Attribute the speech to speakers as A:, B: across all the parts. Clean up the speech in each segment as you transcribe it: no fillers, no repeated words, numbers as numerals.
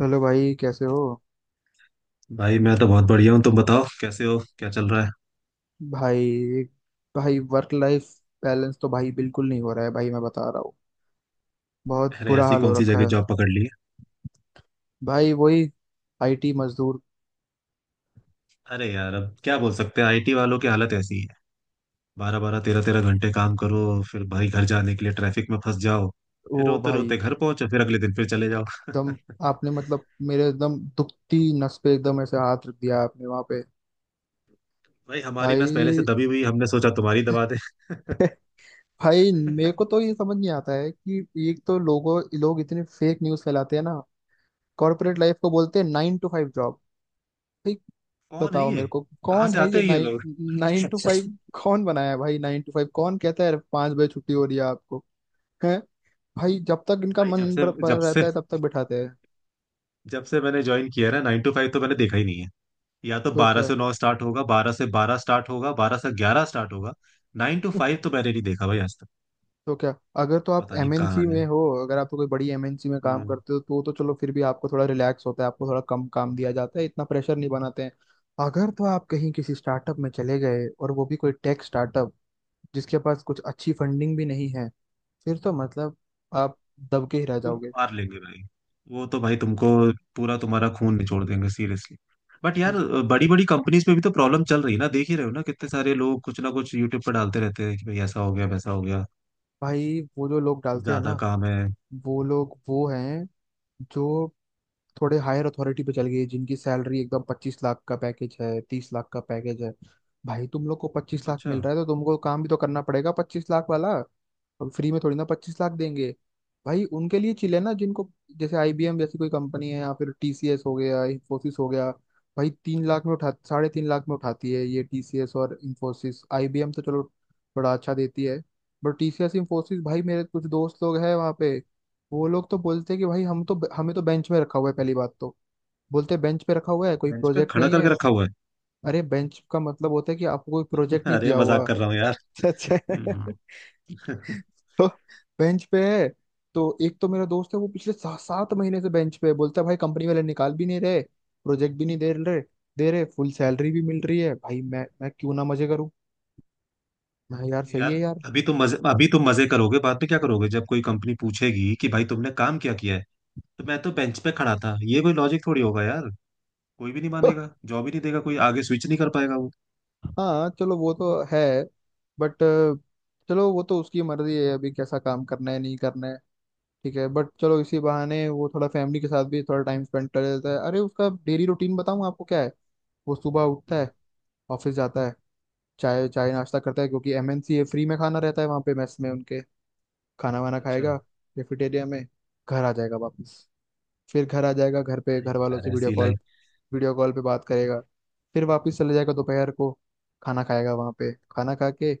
A: Hello भाई, कैसे हो?
B: भाई मैं तो बहुत बढ़िया हूँ। तुम बताओ कैसे हो, क्या चल रहा है?
A: भाई, भाई, वर्क लाइफ बैलेंस तो भाई बिल्कुल नहीं हो रहा है। भाई, मैं बता रहा हूँ, बहुत
B: अरे
A: बुरा
B: ऐसी
A: हाल हो
B: कौन सी
A: रखा
B: जगह
A: है।
B: जॉब पकड़ ली है?
A: भाई, वही आईटी मजदूर।
B: अरे यार अब क्या बोल सकते हैं, आईटी वालों की हालत ऐसी ही है। बारह बारह तेरह तेरह घंटे काम करो, फिर भाई घर जाने के लिए ट्रैफिक में फंस जाओ। फिर
A: वो
B: रोते रोते
A: भाई,
B: घर पहुंचो, फिर अगले दिन फिर चले जाओ।
A: एकदम। आपने मतलब मेरे एकदम दुखती नस पे एकदम ऐसे हाथ रख दिया आपने वहां पे।
B: भाई हमारी नस पहले से
A: भाई।
B: दबी हुई, हमने सोचा तुम्हारी दबा दे
A: भाई, मेरे को तो ये समझ नहीं आता है कि एक तो लोग इतने फेक न्यूज फैलाते हैं ना। कॉर्पोरेट लाइफ को बोलते हैं नाइन टू फाइव जॉब। भाई,
B: कौन है
A: बताओ
B: ये?
A: मेरे को,
B: कहाँ
A: कौन
B: से
A: है
B: आते
A: ये
B: हैं ये
A: नाइन
B: लोग?
A: Nine to five? कौन बनाया है भाई नाइन टू फाइव? कौन कहता है 5 बजे छुट्टी हो रही है आपको? है। भाई जब तक इनका
B: भाई
A: मन
B: जब से जब से
A: रहता है तब तक बिठाते हैं।
B: जब से मैंने ज्वाइन किया है ना 9 to 5, तो मैंने देखा ही नहीं है। या तो
A: तो
B: बारह
A: क्या?
B: से नौ स्टार्ट होगा, 12 से 12 स्टार्ट होगा, 12 से 11 स्टार्ट होगा। 9 to 5 तो मैंने नहीं देखा भाई आज तक।
A: तो क्या, अगर तो आप
B: पता नहीं
A: एमएनसी
B: कहाँ है।
A: में हो। अगर आप तो कोई बड़ी एमएनसी में काम
B: हम्म।
A: करते हो तो चलो फिर भी आपको थोड़ा रिलैक्स होता है, आपको थोड़ा कम काम दिया जाता है, इतना प्रेशर नहीं बनाते हैं। अगर तो आप कहीं किसी स्टार्टअप में चले गए, और वो भी कोई टेक स्टार्टअप, जिसके पास कुछ अच्छी फंडिंग भी नहीं है, फिर तो मतलब
B: तो
A: आप दबके ही रह
B: वो
A: जाओगे।
B: मार लेंगे भाई। वो तो भाई तुमको पूरा तुम्हारा खून निचोड़ देंगे, सीरियसली। बट यार
A: हम्म।
B: बड़ी बड़ी कंपनीज में भी तो प्रॉब्लम चल रही है ना, देख ही रहे हो ना, कितने सारे लोग कुछ ना कुछ यूट्यूब पर डालते रहते हैं कि भाई ऐसा हो गया, वैसा हो गया।
A: भाई, वो जो लोग डालते हैं ना,
B: ज्यादा काम है।
A: वो लोग वो हैं जो थोड़े हायर अथॉरिटी पे चल गए, जिनकी सैलरी एकदम 25 लाख का पैकेज है, 30 लाख का पैकेज है। भाई तुम लोग को 25 लाख
B: अच्छा।
A: मिल रहा है तो तुमको काम भी तो करना पड़ेगा 25 लाख वाला। हम फ्री में थोड़ी ना 25 लाख देंगे। भाई उनके लिए चिल है ना जिनको, जैसे आईबीएम जैसी कोई कंपनी है, या फिर टीसीएस हो गया, इंफोसिस हो गया। भाई, तीन लाख में उठा 3.5 लाख में उठाती है ये टीसीएस और इंफोसिस। आईबीएम तो चलो बड़ा अच्छा देती है, बट टीसीएस इंफोसिस, भाई मेरे कुछ दोस्त लोग हैं वहाँ पे। वो लोग तो बोलते हैं कि भाई, हम तो हमें तो बेंच में रखा हुआ है, पहली बात तो। बोलते हैं बेंच पे रखा हुआ है, कोई
B: बेंच पे
A: प्रोजेक्ट
B: खड़ा
A: नहीं
B: करके
A: है।
B: रखा हुआ है।
A: अरे, बेंच का मतलब होता है कि आपको कोई प्रोजेक्ट नहीं
B: अरे
A: दिया हुआ।
B: मजाक कर रहा हूँ यार।
A: अच्छा, अच्छा।
B: हम्म।
A: तो बेंच पे है, तो एक तो मेरा दोस्त है, वो पिछले सात महीने से बेंच पे है, बोलता है भाई कंपनी वाले निकाल भी नहीं रहे, प्रोजेक्ट भी नहीं दे रहे, दे रहे, फुल सैलरी भी मिल रही है, भाई मैं क्यों ना मजे करूं। मैं, यार सही है
B: यार,
A: यार।
B: अभी तुम मजे करोगे, बाद में क्या करोगे जब कोई कंपनी पूछेगी कि भाई तुमने काम क्या किया है? तो मैं तो बेंच पे खड़ा था, ये कोई लॉजिक थोड़ी होगा यार। कोई भी नहीं मानेगा, जॉब ही नहीं देगा कोई, आगे स्विच नहीं कर पाएगा वो।
A: हाँ, चलो वो तो है, बट चलो वो तो उसकी मर्जी है, अभी कैसा काम करना है नहीं करना है। ठीक है, बट चलो इसी बहाने वो थोड़ा फैमिली के साथ भी थोड़ा टाइम स्पेंड कर लेता है। अरे, उसका डेली रूटीन बताऊं आपको क्या है। वो सुबह उठता
B: हम्म,
A: है, ऑफिस जाता है, चाय चाय नाश्ता करता है, क्योंकि एमएनसी फ्री में खाना रहता है वहाँ पे मेस में उनके, खाना वाना
B: अच्छा।
A: खाएगा कैफेटेरिया में, घर आ जाएगा वापस। फिर घर आ जाएगा, घर पे
B: अरे
A: घर वालों
B: यार
A: से वीडियो
B: ऐसी
A: कॉल,
B: लाइफ।
A: वीडियो कॉल पे बात करेगा, फिर वापस चले जाएगा दोपहर को, खाना खाएगा वहाँ पे, खाना खा के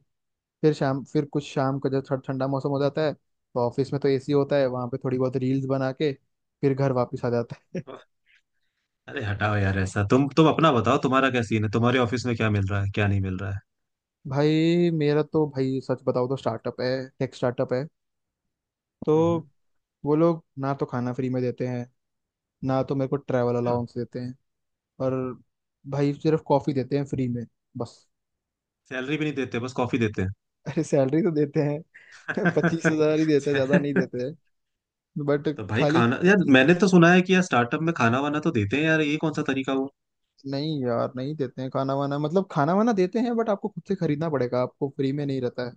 A: फिर शाम, फिर कुछ शाम का जब थोड़ा ठंडा मौसम हो जाता है, तो ऑफिस में तो एसी होता है वहाँ पे, थोड़ी बहुत रील्स बना के, फिर घर वापस आ जाता है।
B: अरे हटाओ यार, ऐसा तुम अपना बताओ, तुम्हारा क्या सीन है, तुम्हारे ऑफिस में क्या मिल रहा है क्या नहीं मिल रहा है?
A: भाई मेरा तो, भाई सच बताओ तो स्टार्टअप है, टेक स्टार्टअप है, तो
B: हम्म।
A: वो लोग ना तो खाना फ्री में देते हैं, ना तो मेरे को ट्रैवल
B: अच्छा।
A: अलाउंस देते हैं, और भाई सिर्फ कॉफी देते हैं फ्री में, बस।
B: सैलरी भी नहीं देते, बस कॉफी देते हैं।
A: अरे सैलरी तो देते हैं। 25 हजार ही देते हैं, ज्यादा नहीं देते हैं, बट,
B: तो भाई
A: खाली।
B: खाना यार, मैंने तो सुना है कि यार स्टार्टअप में खाना वाना तो देते हैं यार, ये कौन सा तरीका हुआ?
A: नहीं यार, नहीं देते हैं खाना वाना, मतलब खाना वाना देते हैं बट आपको खुद से खरीदना पड़ेगा, आपको फ्री में नहीं रहता है।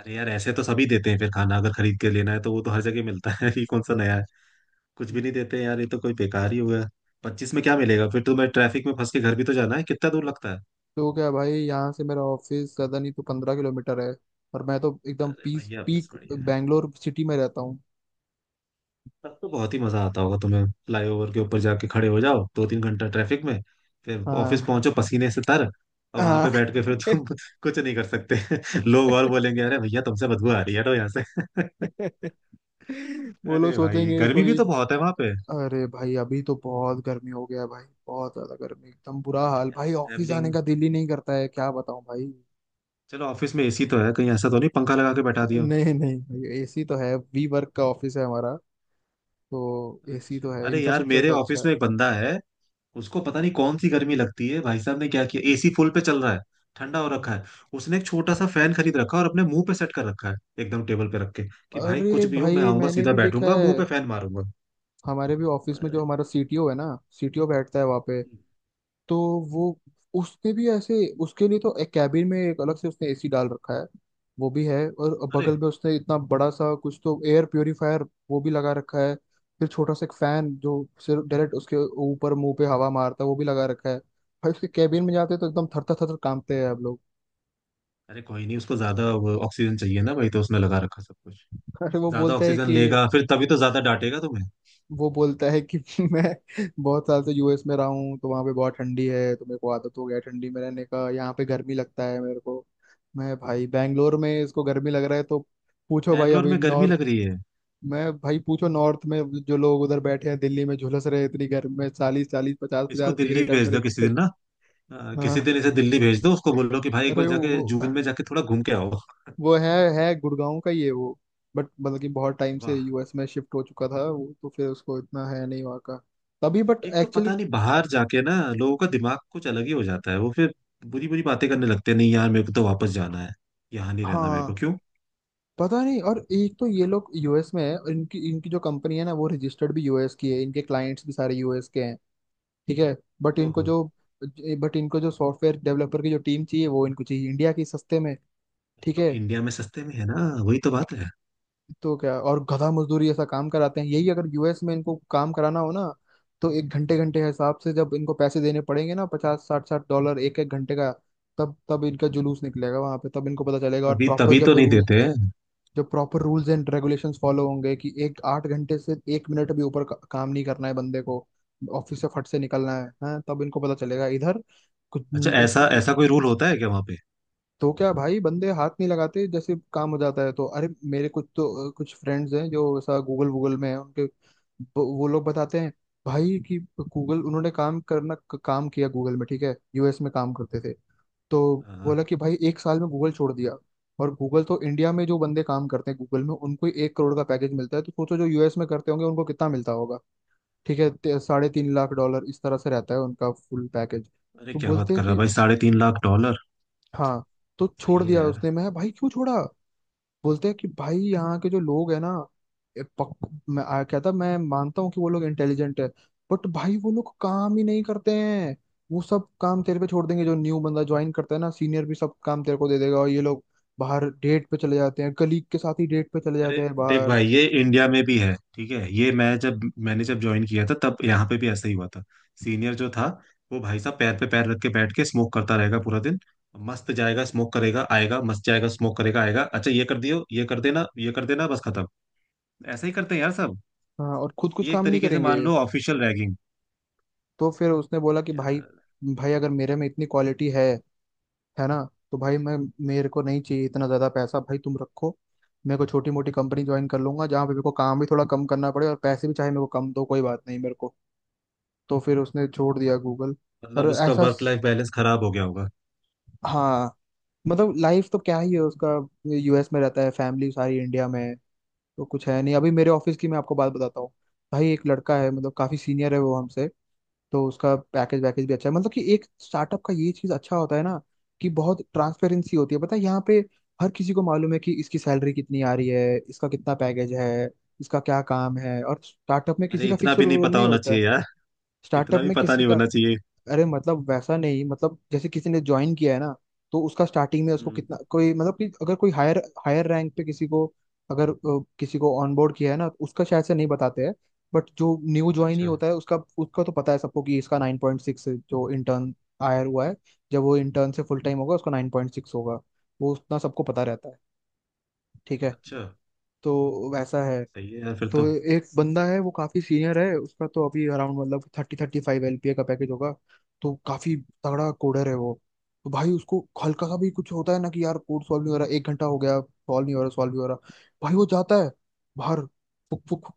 B: अरे यार ऐसे तो सभी देते हैं, फिर खाना अगर खरीद के लेना है तो वो तो हर जगह मिलता है। ये कौन सा नया है? कुछ भी नहीं देते हैं यार, ये तो कोई बेकार ही हुआ। पच्चीस में क्या मिलेगा, फिर तो मैं ट्रैफिक में फंस के घर भी तो जाना है, कितना दूर लगता है?
A: तो क्या भाई, यहाँ से मेरा ऑफिस ज्यादा नहीं तो 15 किलोमीटर है, और मैं तो एकदम
B: अरे
A: पीस
B: भैया बस
A: पीक
B: बढ़िया है।
A: बैंगलोर सिटी में रहता हूँ।
B: तब तो बहुत ही मजा आता होगा तुम्हें, फ्लाईओवर के ऊपर जाके खड़े हो जाओ 2 3 घंटा ट्रैफिक में। फिर ऑफिस
A: हाँ,
B: पहुंचो पसीने से तर, और वहां पे
A: हाँ।
B: बैठ के फिर तुम कुछ नहीं कर सकते। लोग और बोलेंगे, अरे भैया तुमसे बदबू आ रही है, तो यहाँ से।
A: वो लोग
B: अरे भाई
A: सोचेंगे
B: गर्मी भी
A: कोई।
B: तो बहुत है वहां पे।
A: अरे भाई, अभी तो बहुत गर्मी हो गया है भाई, बहुत ज्यादा गर्मी, एकदम बुरा
B: अरे
A: हाल,
B: यार
A: भाई ऑफिस आने
B: ट्रैवलिंग।
A: का दिल ही नहीं करता है, क्या बताऊं भाई।
B: चलो ऑफिस में एसी तो है, कहीं ऐसा तो नहीं पंखा लगा के बैठा दियो।
A: नहीं, नहीं भाई, एसी तो है, वी वर्क का ऑफिस है हमारा, तो एसी
B: अच्छा।
A: तो है,
B: अरे यार
A: इंफ्रास्ट्रक्चर
B: मेरे
A: तो अच्छा
B: ऑफिस
A: है।
B: में एक बंदा है, उसको पता नहीं कौन सी गर्मी लगती है। भाई साहब ने क्या किया, एसी फुल पे चल रहा है, ठंडा हो रखा है। उसने एक छोटा सा फैन खरीद रखा है और अपने मुंह पे सेट कर रखा है, एकदम टेबल पे रख के। कि भाई कुछ
A: अरे
B: भी हो मैं
A: भाई,
B: आऊंगा,
A: मैंने
B: सीधा
A: भी देखा
B: बैठूंगा, मुंह
A: है,
B: पे फैन मारूंगा।
A: हमारे भी ऑफिस में जो
B: अरे
A: हमारा सीटीओ है ना, सीटीओ बैठता है वहाँ पे, तो वो, उसने भी ऐसे, उसके लिए तो एक कैबिन में एक अलग से उसने एसी डाल रखा है, वो भी है, और
B: अरे
A: बगल में उसने इतना बड़ा सा कुछ तो एयर प्योरीफायर वो भी लगा रखा है, फिर छोटा सा एक फैन जो सिर्फ डायरेक्ट उसके ऊपर मुंह पे हवा मारता है वो भी लगा रखा है। भाई उसके कैबिन में जाते हैं तो एकदम थरथर थरथर कांपते हैं हम लोग।
B: अरे कोई नहीं, उसको ज्यादा वो ऑक्सीजन चाहिए ना भाई, तो उसने लगा रखा सब कुछ।
A: अरे,
B: ज्यादा ऑक्सीजन लेगा फिर तभी तो ज्यादा डांटेगा तुम्हें।
A: वो बोलता है कि मैं बहुत साल से यूएस में रहा हूँ, तो वहाँ पे बहुत ठंडी है तो मेरे को आदत हो गया है ठंडी में रहने का, यहाँ पे गर्मी लगता है मेरे को। मैं भाई, बैंगलोर में इसको गर्मी लग रहा है, तो पूछो भाई
B: बैंगलोर
A: अभी
B: में गर्मी
A: नॉर्थ
B: लग रही है?
A: मैं भाई पूछो नॉर्थ में, जो लोग उधर बैठे हैं दिल्ली में झुलस रहे हैं इतनी गर्मी में, चालीस चालीस पचास
B: इसको
A: पचास डिग्री
B: दिल्ली भेज दो किसी
A: टेम्परेचर।
B: दिन ना। किसी
A: हाँ।
B: दिन इसे दिल्ली भेज दो, उसको बोलो कि भाई एक
A: अरे
B: बार जाके
A: वो
B: जून में जाके थोड़ा घूम के आओ।
A: वो है, गुड़गांव का ही है वो, बट मतलब कि बहुत टाइम से
B: वाह।
A: यूएस में शिफ्ट हो चुका था वो, तो फिर उसको इतना है नहीं वहाँ का, तभी। बट
B: एक तो पता
A: एक्चुअली,
B: नहीं बाहर जाके ना, लोगों का दिमाग कुछ अलग ही हो जाता है, वो फिर बुरी बुरी बातें करने लगते हैं। नहीं यार, मेरे को तो वापस जाना है, यहाँ नहीं रहना मेरे
A: हाँ,
B: को, क्यों?
A: पता नहीं। और एक तो ये लोग यूएस में है, और इनकी इनकी जो कंपनी है ना, वो रजिस्टर्ड भी यूएस की है, इनके क्लाइंट्स भी सारे यूएस के हैं। ठीक है, बट इनको
B: ओहो।
A: जो बट इनको जो सॉफ्टवेयर डेवलपर की जो टीम चाहिए वो इनको चाहिए इंडिया की सस्ते में। ठीक
B: तो
A: है,
B: इंडिया में सस्ते में है ना, वही तो बात है।
A: तो क्या और गधा मजदूरी ऐसा काम कराते हैं यही। अगर यूएस में इनको काम कराना हो ना, तो एक घंटे घंटे के हिसाब से जब इनको पैसे देने पड़ेंगे ना, पचास साठ साठ डॉलर एक एक घंटे का, तब तब इनका जुलूस निकलेगा वहां पे, तब इनको पता चलेगा, और
B: तभी
A: प्रॉपर
B: तभी तो
A: जब
B: नहीं
A: रूल
B: देते हैं।
A: जो proper rules and regulations follow होंगे कि एक 8 घंटे से 1 मिनट भी ऊपर का काम नहीं करना है बंदे को, ऑफिस से फट से निकलना है। हाँ, तब इनको पता चलेगा इधर कुछ।
B: अच्छा, ऐसा ऐसा कोई रूल होता है क्या वहां पे?
A: तो क्या भाई, बंदे हाथ नहीं लगाते, जैसे काम हो जाता है तो। अरे मेरे कुछ फ्रेंड्स हैं जो ऐसा गूगल वूगल में है उनके, वो लोग बताते हैं भाई कि गूगल उन्होंने काम किया गूगल में, ठीक है, यूएस में काम करते थे तो,
B: हाँ,
A: बोला कि भाई एक साल में गूगल छोड़ दिया। और गूगल तो, इंडिया में जो बंदे काम करते हैं गूगल में, उनको ही 1 करोड़ का पैकेज मिलता है, तो सोचो जो यूएस में करते होंगे उनको कितना मिलता होगा। ठीक है, 3.5 लाख डॉलर इस तरह से रहता है उनका फुल पैकेज।
B: अरे
A: तो
B: क्या बात
A: बोलते
B: कर
A: हैं
B: रहा है
A: कि
B: भाई, 3.5 लाख डॉलर।
A: हाँ, तो छोड़
B: सही है
A: दिया
B: यार।
A: उसने। मैं भाई क्यों छोड़ा? बोलते हैं कि भाई यहाँ के जो लोग है ना, कहता मैं मानता हूँ कि वो लोग इंटेलिजेंट है, बट भाई वो लोग काम ही नहीं करते हैं, वो सब काम तेरे पे छोड़ देंगे, जो न्यू बंदा ज्वाइन करता है ना, सीनियर भी सब काम तेरे को दे देगा, और ये लोग बाहर डेट पे चले जाते हैं, कलीग के साथ ही डेट पे चले
B: अरे
A: जाते हैं
B: देख
A: बाहर।
B: भाई ये इंडिया में भी है, ठीक है। ये मैं जब मैंने जब ज्वाइन किया था तब यहाँ पे भी ऐसा ही हुआ था। सीनियर जो था, वो भाई साहब पैर पे पैर रख के बैठ के स्मोक करता रहेगा पूरा दिन। मस्त जाएगा स्मोक करेगा आएगा, मस्त जाएगा स्मोक करेगा आएगा, अच्छा ये कर दियो, ये कर देना, ये कर देना, बस खत्म। ऐसा ही करते हैं यार सब।
A: हाँ, और खुद कुछ
B: ये एक
A: काम नहीं
B: तरीके से
A: करेंगे।
B: मान लो ऑफिशियल रैगिंग।
A: तो फिर उसने बोला कि भाई,
B: यार,
A: भाई अगर मेरे में इतनी क्वालिटी है ना, तो भाई मैं मेरे को नहीं चाहिए इतना ज्यादा पैसा, भाई तुम रखो, मेरे को छोटी मोटी कंपनी ज्वाइन कर लूंगा, जहाँ पे मेरे को काम भी थोड़ा कम करना पड़े, और पैसे भी चाहे मेरे को कम दो, कोई बात नहीं मेरे को। तो फिर उसने छोड़ दिया गूगल। और
B: मतलब उसका
A: ऐसा
B: वर्क लाइफ बैलेंस खराब हो गया होगा।
A: हाँ, मतलब लाइफ तो क्या ही है उसका, यूएस में रहता है, फैमिली सारी इंडिया में है, तो कुछ है नहीं। अभी मेरे ऑफिस की मैं आपको बात बताता हूँ। भाई एक लड़का है, मतलब काफी सीनियर है वो हमसे, तो उसका पैकेज वैकेज भी अच्छा है। मतलब कि एक स्टार्टअप का ये चीज अच्छा होता है ना, कि बहुत ट्रांसपेरेंसी होती है, पता है यहाँ पे। हर किसी को मालूम है कि इसकी सैलरी कितनी आ रही है, इसका कितना पैकेज है, इसका क्या काम है। और स्टार्टअप में किसी
B: अरे
A: का
B: इतना
A: फिक्स
B: भी नहीं
A: रोल
B: पता
A: नहीं
B: होना
A: होता है।
B: चाहिए यार, इतना
A: स्टार्टअप
B: भी
A: में
B: पता
A: किसी
B: नहीं
A: का
B: होना चाहिए।
A: अरे, मतलब वैसा नहीं, मतलब जैसे किसी ने ज्वाइन किया है ना, तो उसका स्टार्टिंग में उसको
B: हम्म।
A: कितना कोई, मतलब कि अगर कोई हायर हायर रैंक पे किसी को, अगर किसी को ऑनबोर्ड किया है ना, उसका शायद से नहीं बताते हैं, बट जो न्यू ज्वाइन ही
B: अच्छा
A: होता है, उसका उसका तो पता है सबको कि इसका 9.6 जो इंटर्न हायर हुआ है, जब वो इंटर्न से फुल टाइम होगा उसका 9.6 होगा। वो उतना सबको पता रहता है। ठीक है।
B: अच्छा।
A: तो वैसा है।
B: सही है यार फिर
A: तो
B: तो।
A: एक बंदा है, वो काफी सीनियर है। उसका तो अभी अराउंड मतलब 30-35 LPA का पैकेज होगा। तो काफी तगड़ा कोडर है वो। तो भाई उसको हल्का सा भी कुछ होता है ना कि यार कोड सॉल्व नहीं हो रहा, एक घंटा हो गया, सॉल्व नहीं हो रहा, सॉल्व नहीं हो रहा। भाई वो जाता है बाहर। फुक फुक फुक।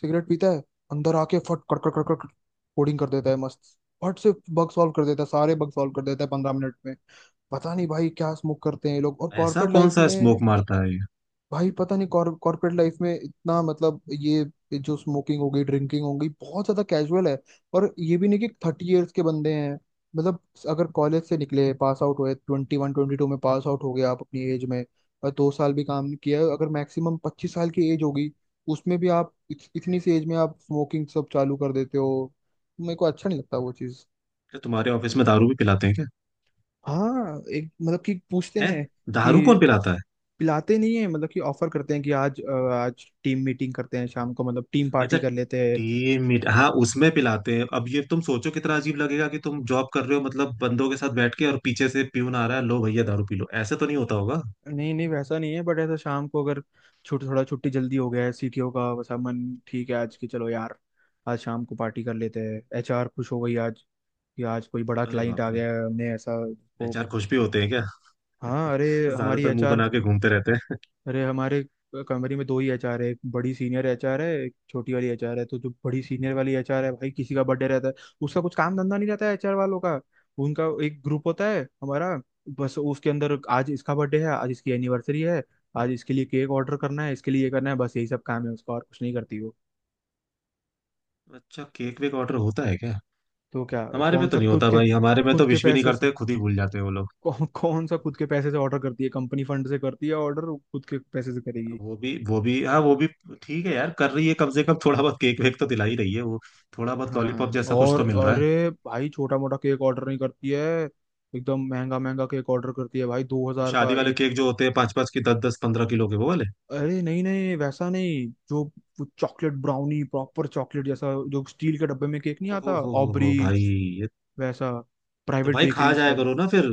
A: सिगरेट पीता है। अंदर आके फट कट कट कट कट कोडिंग कर देता है मस्त। फट से बग सॉल्व कर देता है, सारे बग सॉल्व कर देता है 15 मिनट में। पता नहीं भाई क्या स्मोक करते हैं ये लोग और
B: ऐसा
A: कॉर्पोरेट
B: कौन
A: लाइफ
B: सा
A: में।
B: स्मोक मारता है?
A: भाई पता नहीं कॉर्पोरेट लाइफ में इतना मतलब ये जो स्मोकिंग हो गई, ड्रिंकिंग हो गई, बहुत ज्यादा कैजुअल है। और ये भी नहीं कि 30 इयर्स के बंदे हैं। मतलब अगर कॉलेज से निकले, पास आउट हुए, 21-22 में पास आउट हो गए आप अपनी एज में। और 2 साल भी काम नहीं किया, अगर मैक्सिमम 25 साल की एज होगी। उसमें भी आप इतनी सी एज में आप स्मोकिंग सब चालू कर देते हो। मेरे को अच्छा नहीं लगता वो चीज़।
B: क्या तुम्हारे ऑफिस में दारू भी पिलाते हैं क्या?
A: हाँ, एक मतलब कि पूछते
B: है?
A: हैं। कि
B: दारू कौन पिलाता है?
A: पिलाते नहीं है, मतलब कि ऑफर करते हैं कि आज आज टीम मीटिंग करते हैं शाम को, मतलब टीम
B: अच्छा
A: पार्टी कर लेते हैं।
B: Team meet. हाँ, उसमें पिलाते हैं। अब ये तुम सोचो कितना अजीब लगेगा, कि तुम जॉब कर रहे हो मतलब बंदों के साथ बैठ के, और पीछे से प्यून आ रहा है, लो भैया दारू पी लो, ऐसे तो नहीं होता होगा।
A: नहीं नहीं, वैसा नहीं है, बट ऐसा शाम को अगर छुट थोड़ा छुट्टी जल्दी हो गया है, सीटीओ का वैसा मन, ठीक है आज की, चलो यार। आज शाम को पार्टी कर लेते हैं। एचआर खुश हो गई आज, कि आज कोई बड़ा
B: अरे
A: क्लाइंट
B: बाप
A: आ
B: रे।
A: गया है, हमने ऐसा को।
B: एचआर खुश भी होते हैं क्या?
A: हाँ, अरे हमारी
B: ज्यादातर मुंह
A: एचआर।
B: बना के घूमते रहते हैं।
A: अरे हमारे कंपनी में दो ही एचआर है। एक बड़ी सीनियर एचआर है, एक छोटी वाली एचआर है। तो जो बड़ी सीनियर वाली एचआर है, भाई किसी का बर्थडे रहता है। उसका कुछ काम धंधा नहीं रहता है एचआर वालों का। उनका एक ग्रुप होता है हमारा। बस उसके अंदर आज इसका बर्थडे है, आज इसकी एनिवर्सरी है, आज इसके लिए केक ऑर्डर करना है, इसके लिए ये करना है। बस यही सब काम है उसका, और कुछ नहीं करती वो।
B: अच्छा केक वेक ऑर्डर होता है क्या?
A: तो क्या,
B: हमारे में
A: कौन
B: तो
A: सा,
B: नहीं
A: खुद
B: होता
A: के
B: भाई, हमारे में तो
A: खुद के
B: विश भी नहीं
A: पैसे से।
B: करते, खुद ही भूल जाते हैं वो लोग।
A: कौन कौन सा खुद के पैसे से ऑर्डर करती है? कंपनी फंड से करती है ऑर्डर, खुद के पैसे से करेगी?
B: वो भी हाँ वो भी। ठीक है यार, कर रही है, कम से कम थोड़ा बहुत केक वेक तो दिला ही रही है वो। थोड़ा बहुत लॉलीपॉप
A: हाँ,
B: जैसा कुछ
A: और
B: तो मिल रहा है।
A: अरे भाई छोटा मोटा केक ऑर्डर नहीं करती है। एकदम महंगा महंगा केक ऑर्डर करती है भाई, दो
B: वो
A: हजार
B: शादी
A: का
B: वाले
A: एक।
B: केक जो होते हैं, पांच पांच की दस दस 15 किलो के, वो वाले।
A: अरे नहीं नहीं, वैसा नहीं जो वो चॉकलेट ब्राउनी, प्रॉपर चॉकलेट जैसा, जो स्टील के डब्बे में केक नहीं
B: ओ
A: आता, ऑबरी
B: हो भाई। ये
A: वैसा।
B: तो
A: प्राइवेट
B: भाई खा
A: बेकरीज का।
B: जाया करो ना फिर,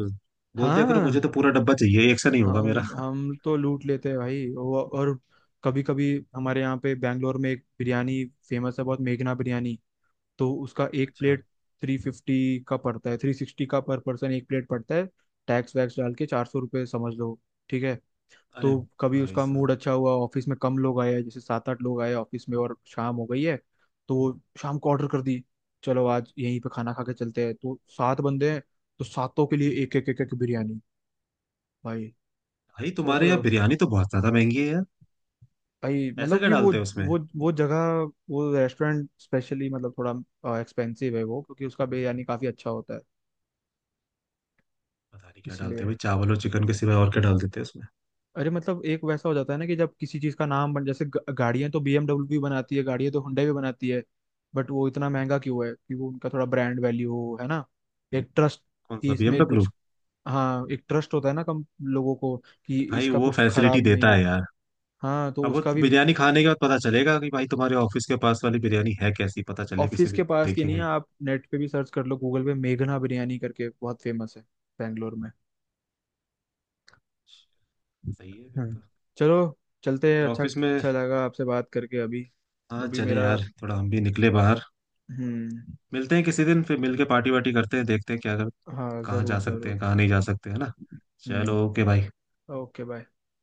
B: बोल दिया करो मुझे
A: हाँ,
B: तो पूरा डब्बा चाहिए, एक से नहीं होगा मेरा।
A: हम तो लूट लेते हैं भाई और कभी कभी हमारे यहाँ पे बैंगलोर में एक बिरयानी फेमस है बहुत, मेघना बिरयानी। तो उसका एक
B: अच्छा।
A: प्लेट 350 का पड़ता है, 360 का पर पर्सन एक प्लेट पड़ता है। टैक्स वैक्स डाल के 400 रुपये समझ लो। ठीक है।
B: अरे
A: तो कभी
B: भाई
A: उसका
B: साहब।
A: मूड अच्छा हुआ, ऑफिस में कम लोग आए, जैसे सात आठ लोग आए ऑफिस में और शाम हो गई है। तो वो शाम को ऑर्डर कर दी। चलो आज यहीं पे खाना खा के चलते हैं, तो सात बंदे हैं, तो सातों के लिए एक एक एक एक बिरयानी भाई।
B: भाई
A: सोच
B: तुम्हारे
A: रहे
B: यहाँ
A: हो?
B: बिरयानी तो बहुत ज्यादा महंगी है यार।
A: भाई
B: ऐसा
A: मतलब
B: क्या
A: कि वो
B: डालते हैं उसमें?
A: वो वो जगह, वो रेस्टोरेंट स्पेशली मतलब थोड़ा एक्सपेंसिव है वो, क्योंकि उसका बिरयानी काफ़ी अच्छा होता है
B: पता नहीं क्या डालते हैं
A: इसलिए।
B: भाई, चावल और चिकन के सिवाय और क्या डाल देते हैं उसमें।
A: अरे मतलब एक वैसा हो जाता है ना कि जब किसी चीज का नाम बन, जैसे गाड़ियां तो बीएमडब्ल्यू भी बनाती है, गाड़ियां तो Hyundai भी बनाती है। बट वो इतना महंगा क्यों है? कि वो उनका थोड़ा ब्रांड वैल्यू हो, है ना, एक ट्रस्ट
B: कौन
A: कि
B: सा
A: इसमें
B: बीएमडब्ल्यू?
A: कुछ। हाँ, एक ट्रस्ट होता है ना कम लोगों को कि
B: भाई
A: इसका
B: वो
A: कुछ
B: फैसिलिटी
A: खराब नहीं
B: देता
A: हो।
B: है यार।
A: हाँ तो
B: अब वो
A: उसका भी।
B: बिरयानी खाने के बाद पता चलेगा कि भाई, तुम्हारे ऑफिस के पास वाली बिरयानी है कैसी, पता चले, किसी
A: ऑफिस के
B: दिन
A: पास की नहीं है,
B: देखेंगे।
A: आप नेट पे भी सर्च कर लो, गूगल पे मेघना बिरयानी करके बहुत फेमस है बेंगलोर में।
B: सही है फिर
A: हम्म
B: तो।
A: चलो, चलते हैं,
B: फिर
A: अच्छा
B: ऑफिस में।
A: अच्छा लगा आपसे बात करके। अभी
B: हाँ
A: अभी
B: चले
A: मेरा।
B: यार, थोड़ा हम भी निकले बाहर।
A: हम्म।
B: मिलते हैं किसी दिन, फिर मिल के पार्टी वार्टी करते हैं, देखते हैं क्या कर,
A: हाँ
B: कहाँ
A: जरूर
B: जा सकते
A: जरूर।
B: हैं कहाँ नहीं जा सकते, है ना? चलो
A: हम्म।
B: ओके भाई।
A: Okay bye.